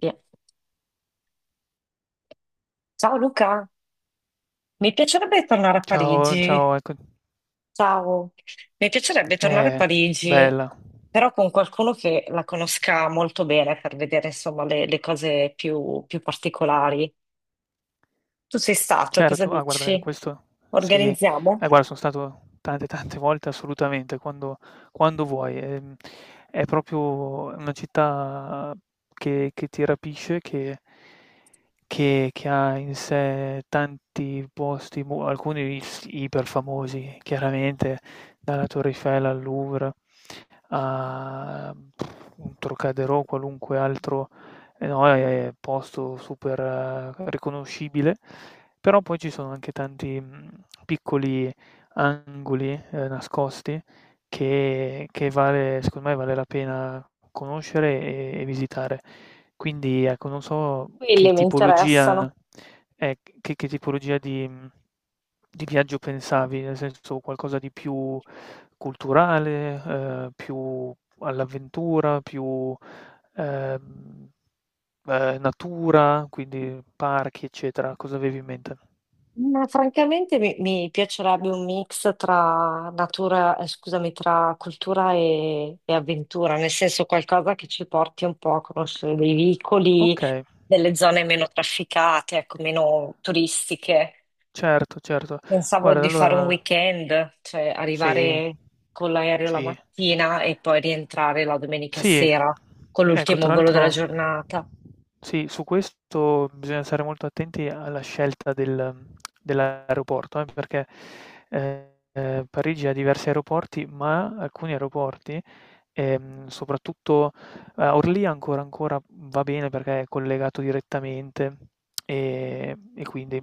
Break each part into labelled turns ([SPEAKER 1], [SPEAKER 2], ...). [SPEAKER 1] Via. Ciao Luca, mi piacerebbe tornare a
[SPEAKER 2] Ciao,
[SPEAKER 1] Parigi.
[SPEAKER 2] ciao, ecco.
[SPEAKER 1] Ciao. Mi piacerebbe tornare a
[SPEAKER 2] Eh,
[SPEAKER 1] Parigi,
[SPEAKER 2] bella.
[SPEAKER 1] però con qualcuno che la conosca molto bene per vedere insomma le cose più particolari. Tu sei stato e cosa
[SPEAKER 2] Certo, ah guarda,
[SPEAKER 1] dici?
[SPEAKER 2] questo sì.
[SPEAKER 1] Organizziamo?
[SPEAKER 2] Guarda, sono stato tante, tante volte assolutamente, quando vuoi. È proprio una città che ti rapisce, che ha in sé tanti posti, mo alcuni is iperfamosi, chiaramente, dalla Torre Eiffel al Louvre a un Trocadero, qualunque altro, no, posto super riconoscibile, però poi ci sono anche tanti, piccoli angoli, nascosti che vale secondo me vale la pena conoscere e visitare. Quindi ecco, non so che
[SPEAKER 1] Quelli mi interessano.
[SPEAKER 2] tipologia ec che che tipologia di viaggio pensavi, nel senso qualcosa di più culturale, più all'avventura, più, ehm, natura, quindi parchi, eccetera. Cosa avevi in mente?
[SPEAKER 1] Ma francamente mi piacerebbe un mix tra natura, scusami, tra cultura e avventura, nel senso qualcosa che ci porti un po' a conoscere dei vicoli,
[SPEAKER 2] Okay.
[SPEAKER 1] delle zone meno trafficate, ecco, meno turistiche.
[SPEAKER 2] Certo, certo.
[SPEAKER 1] Pensavo
[SPEAKER 2] Guarda,
[SPEAKER 1] di fare un
[SPEAKER 2] allora.
[SPEAKER 1] weekend, cioè
[SPEAKER 2] Sì.
[SPEAKER 1] arrivare con l'aereo la
[SPEAKER 2] Sì.
[SPEAKER 1] mattina e poi rientrare la domenica
[SPEAKER 2] Sì.
[SPEAKER 1] sera con
[SPEAKER 2] Ecco,
[SPEAKER 1] l'ultimo
[SPEAKER 2] tra
[SPEAKER 1] volo della
[SPEAKER 2] l'altro
[SPEAKER 1] giornata.
[SPEAKER 2] sì, su questo bisogna stare molto attenti alla scelta dell'aeroporto, perché, Parigi ha diversi aeroporti, ma alcuni aeroporti, soprattutto. Orly ancora ancora va bene perché è collegato direttamente, e quindi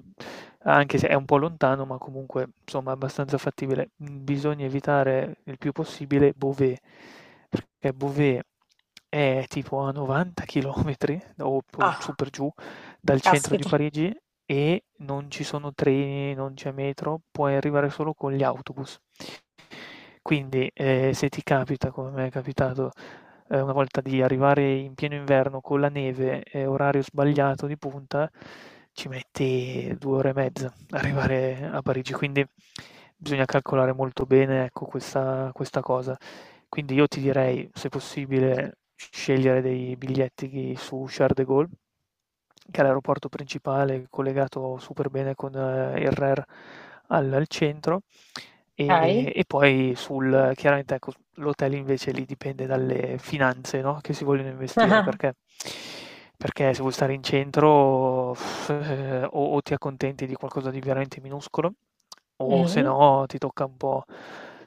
[SPEAKER 2] anche se è un po' lontano, ma comunque insomma è abbastanza fattibile. Mhmm, bisogna evitare il più possibile Beauvais, perché Beauvais è tipo a 90 chilometri o p su
[SPEAKER 1] Ah,
[SPEAKER 2] per giù dal centro di
[SPEAKER 1] caspita.
[SPEAKER 2] Parigi, e non ci sono treni, non c'è metro, puoi arrivare solo con gli autobus. Quindi, se ti capita, come m'è capitato, una volta di arrivare in pieno inverno con la neve e orario sbagliato di punta, ci metti 2 ore e mezza ad arrivare a Parigi, quindi bisogna calcolare molto bene, ecco, questa cosa. Quindi io ti direi, se possibile, scegliere dei biglietti su Charles de Gaulle, che è l'aeroporto principale collegato super bene con il RER al centro.
[SPEAKER 1] Ok.
[SPEAKER 2] E poi sul chiaramente ecco, l'hotel invece lì dipende dalle finanze, no, che si vogliono investire, perché se vuoi stare in centro, o ti accontenti di qualcosa di veramente minuscolo, o se
[SPEAKER 1] Mm.
[SPEAKER 2] no ti tocca un po'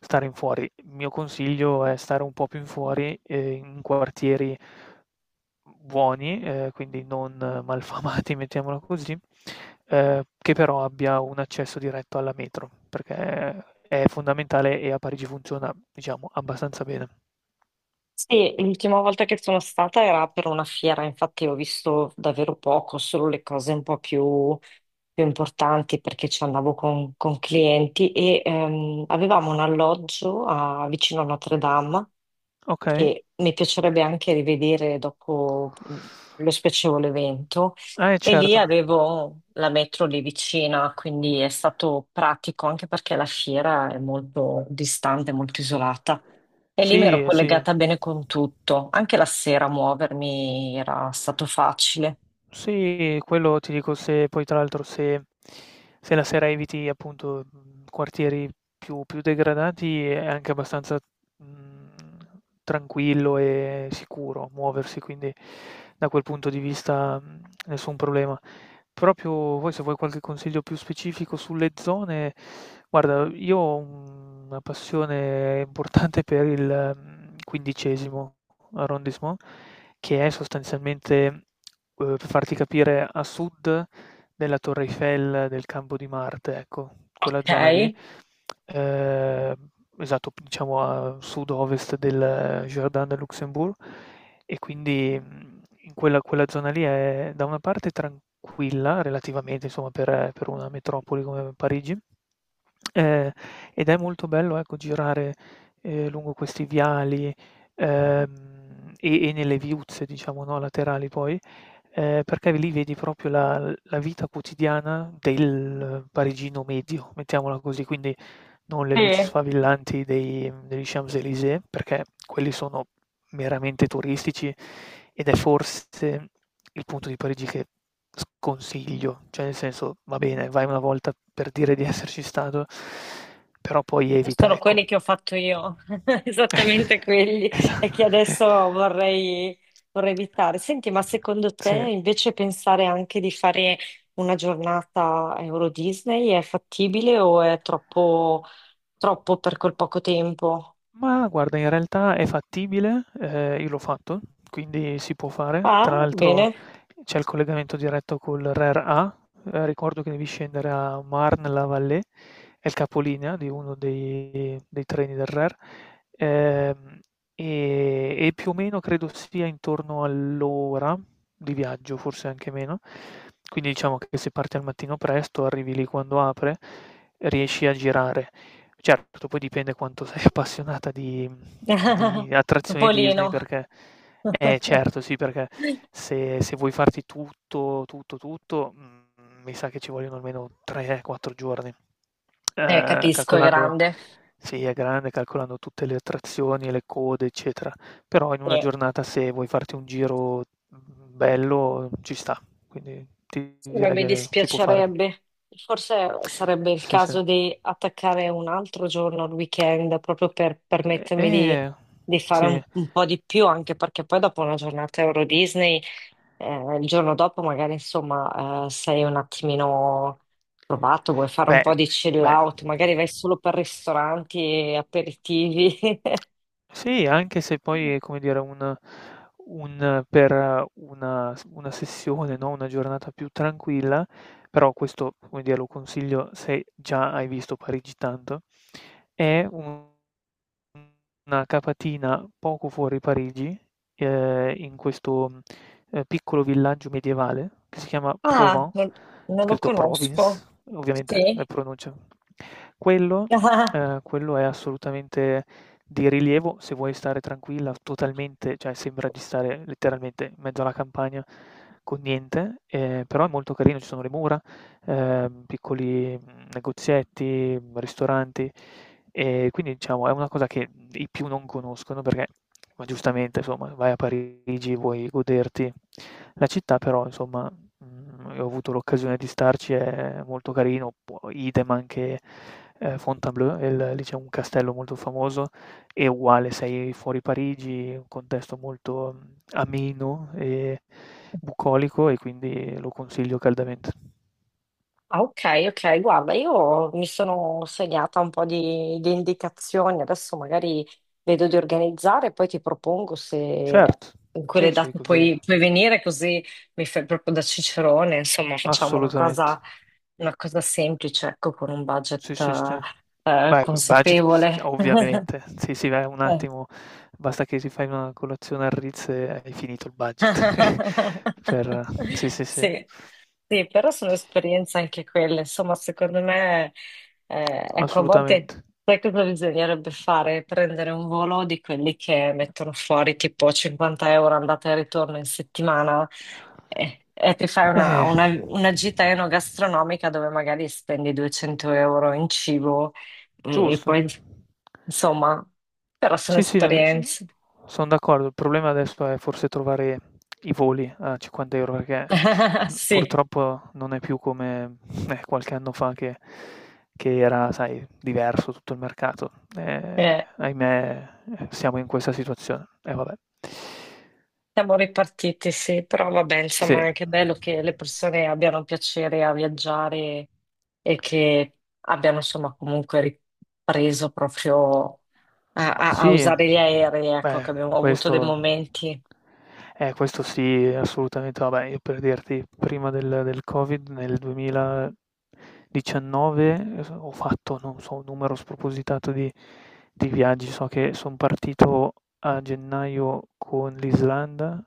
[SPEAKER 2] stare in fuori. Il mio consiglio è stare un po' più in fuori, in quartieri buoni, quindi non malfamati, mettiamola così, che però abbia un accesso diretto alla metro, perché è fondamentale e a Parigi funziona, diciamo, abbastanza bene.
[SPEAKER 1] Sì, l'ultima volta che sono stata era per una fiera, infatti ho visto davvero poco, solo le cose un po' più, più importanti perché ci andavo con clienti e avevamo un alloggio vicino a Notre Dame
[SPEAKER 2] Ok?
[SPEAKER 1] che mi piacerebbe anche rivedere dopo lo spiacevole evento e lì
[SPEAKER 2] Certo.
[SPEAKER 1] avevo la metro lì vicina, quindi è stato pratico anche perché la fiera è molto distante, molto isolata. E lì mi ero
[SPEAKER 2] Sì, sì.
[SPEAKER 1] collegata bene con tutto, anche la sera muovermi era stato facile.
[SPEAKER 2] Sì, quello ti dico se poi tra l'altro se la sera eviti appunto, quartieri più degradati è anche abbastanza, mhmm, tranquillo e sicuro muoversi, quindi da quel punto di vista, nessun problema. Proprio poi se vuoi qualche consiglio più specifico sulle zone, guarda io ho una passione importante per il, 15º arrondissement, che è sostanzialmente... Per farti capire, a sud della Torre Eiffel, del Campo di Marte, ecco, quella
[SPEAKER 1] Ok.
[SPEAKER 2] zona lì, ehm, esatto, p diciamo a sud-ovest del Jardin de Luxembourg, e quindi, in quella zona lì è da una parte tranquilla relativamente, insomma, per una metropoli come Parigi. Ehm, ed è molto bello, ecco, girare, lungo questi viali, ehm, e nelle viuzze, diciamo, no, laterali poi, perché lì vedi proprio la vita quotidiana del parigino medio, mettiamola così. Quindi non le luci
[SPEAKER 1] Sì,
[SPEAKER 2] sfavillanti dei degli Champs-Élysées, perché quelli sono meramente turistici, ed è forse il punto di Parigi che sconsiglio, cioè nel senso va bene, vai una volta per dire di esserci stato, però poi evita,
[SPEAKER 1] sono
[SPEAKER 2] ecco.
[SPEAKER 1] quelli che ho fatto io, esattamente quelli, e
[SPEAKER 2] Esatto.
[SPEAKER 1] che adesso vorrei, vorrei evitare. Senti, ma secondo te
[SPEAKER 2] Sì.
[SPEAKER 1] invece pensare anche di fare una giornata a Euro Disney è fattibile o è troppo per quel poco tempo?
[SPEAKER 2] Ma guarda, in realtà è fattibile, io l'ho fatto, quindi si può fare. Tra
[SPEAKER 1] Ah,
[SPEAKER 2] l'altro
[SPEAKER 1] bene.
[SPEAKER 2] c'è il collegamento diretto col RER A, ricordo che devi scendere a Marne-la-Vallée, è il capolinea di uno dei treni del RER, ehm, e più o meno credo sia intorno all'ora di viaggio, forse anche meno. Quindi diciamo che se parti al mattino presto, arrivi lì quando apre, riesci a girare. Certo, poi dipende quanto sei appassionata di attrazioni Disney
[SPEAKER 1] Topolino.
[SPEAKER 2] perché... Eh, certo sì, perché se vuoi farti tutto, tutto, tutto, mi sa che ci vogliono almeno 3, 4 giorni. Ehm,
[SPEAKER 1] Capisco, è
[SPEAKER 2] calcolando
[SPEAKER 1] grande.
[SPEAKER 2] sì, è grande, calcolando tutte le attrazioni, le code, eccetera, però in una
[SPEAKER 1] Sì.
[SPEAKER 2] giornata se vuoi farti un giro, bello ci sta, quindi ti
[SPEAKER 1] Ma
[SPEAKER 2] direi
[SPEAKER 1] mi
[SPEAKER 2] che si può fare.
[SPEAKER 1] dispiacerebbe. Forse sarebbe il
[SPEAKER 2] Sì, sì.
[SPEAKER 1] caso di attaccare un altro giorno al weekend proprio per
[SPEAKER 2] E
[SPEAKER 1] permettermi di fare
[SPEAKER 2] sì.
[SPEAKER 1] un po' di più, anche perché poi dopo una giornata Euro Disney, il giorno dopo magari insomma sei un attimino provato, vuoi fare un
[SPEAKER 2] Beh,
[SPEAKER 1] po' di chill
[SPEAKER 2] beh.
[SPEAKER 1] out, magari vai solo per ristoranti e aperitivi.
[SPEAKER 2] Sì, anche se poi è come dire un per una sessione, no, una giornata più tranquilla, però questo, come dire, lo consiglio se già hai visto Parigi tanto. È un Una capatina poco fuori Parigi, in questo, piccolo villaggio medievale che si chiama
[SPEAKER 1] Ah,
[SPEAKER 2] Provins,
[SPEAKER 1] non lo
[SPEAKER 2] scritto Province,
[SPEAKER 1] conosco.
[SPEAKER 2] ovviamente la
[SPEAKER 1] Sì.
[SPEAKER 2] pronuncia. Quello ehm, quello è assolutamente di rilievo se vuoi stare tranquilla, totalmente cioè sembra di stare letteralmente in mezzo alla campagna con niente, però è molto carino, ci sono le mura, piccoli, negozietti, ristoranti. Quindi diciamo è una cosa che i più non conoscono perché, ma giustamente insomma, vai a Parigi, vuoi goderti la città, però insomma, e ho avuto l'occasione di starci, è molto carino, poi idem anche, Fontainebleau, e l lì c'è un castello molto famoso, è uguale, sei fuori Parigi, un contesto molto, ameno e bucolico, e quindi lo consiglio caldamente.
[SPEAKER 1] Ah, ok, guarda, io mi sono segnata un po' di indicazioni, adesso magari vedo di organizzare e poi ti propongo se
[SPEAKER 2] Cert
[SPEAKER 1] in
[SPEAKER 2] sì,
[SPEAKER 1] quelle
[SPEAKER 2] sì,
[SPEAKER 1] date
[SPEAKER 2] così
[SPEAKER 1] puoi venire così mi fai proprio da cicerone, insomma facciamo
[SPEAKER 2] assolutamente.
[SPEAKER 1] una cosa semplice, ecco, con un
[SPEAKER 2] Sì,
[SPEAKER 1] budget
[SPEAKER 2] sì, sì. Beh, col budget s
[SPEAKER 1] consapevole.
[SPEAKER 2] ovviamente. Sì, sì, beh, un attimo, basta che ti fai una colazione al Ritz e hai finito il budget per sì, sì, sì.
[SPEAKER 1] Sì, sì, però sono esperienze anche quelle. Insomma, secondo me, ecco, a volte
[SPEAKER 2] Assolutamente.
[SPEAKER 1] sai cosa bisognerebbe fare? Prendere un volo di quelli che mettono fuori tipo 50 € andata e ritorno in settimana e ti fai una,
[SPEAKER 2] Eh,
[SPEAKER 1] una gita enogastronomica dove magari spendi 200 € in cibo e
[SPEAKER 2] giusto.
[SPEAKER 1] poi, insomma, però sono
[SPEAKER 2] Sì, sì, no, son
[SPEAKER 1] esperienze.
[SPEAKER 2] son d'accordo. Il problema adesso è forse trovare i voli a 50 € perché,
[SPEAKER 1] Sì,
[SPEAKER 2] purtroppo non è più come, qualche anno fa che era, sai, diverso tutto il mercato. Ehm,
[SPEAKER 1] eh.
[SPEAKER 2] ahimè, siamo in questa situazione. E vabbè.
[SPEAKER 1] Siamo ripartiti, sì, però vabbè,
[SPEAKER 2] Sì.
[SPEAKER 1] insomma, è che bello che le persone abbiano piacere a viaggiare e che abbiano, insomma, comunque ripreso proprio a
[SPEAKER 2] Sì,
[SPEAKER 1] usare gli aerei, ecco, che
[SPEAKER 2] beh,
[SPEAKER 1] abbiamo avuto dei
[SPEAKER 2] questo
[SPEAKER 1] momenti.
[SPEAKER 2] eh, questo sì, assolutamente. Vabbè, io per dirti, prima del Covid, nel 2019, ho fatto, non so, un numero spropositato di viaggi. So che son partito a gennaio con l'Islanda,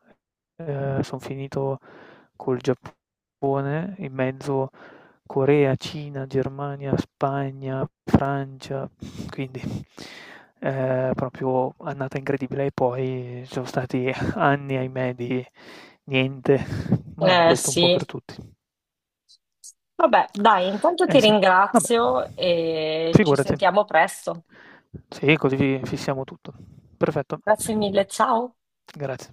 [SPEAKER 2] son finito col Giappone, in mezzo Corea, Cina, Germania, Spagna, Francia, quindi proprio annata incredibile e poi ci sono stati anni, ahimè, di niente, ma questo un po' per
[SPEAKER 1] Sì,
[SPEAKER 2] tutti.
[SPEAKER 1] vabbè, dai, intanto ti
[SPEAKER 2] Eh sì, vabbè,
[SPEAKER 1] ringrazio e ci
[SPEAKER 2] figurati.
[SPEAKER 1] sentiamo presto.
[SPEAKER 2] Sì, così fissiamo tutto. Perfetto.
[SPEAKER 1] Grazie mille, ciao.
[SPEAKER 2] Grazie.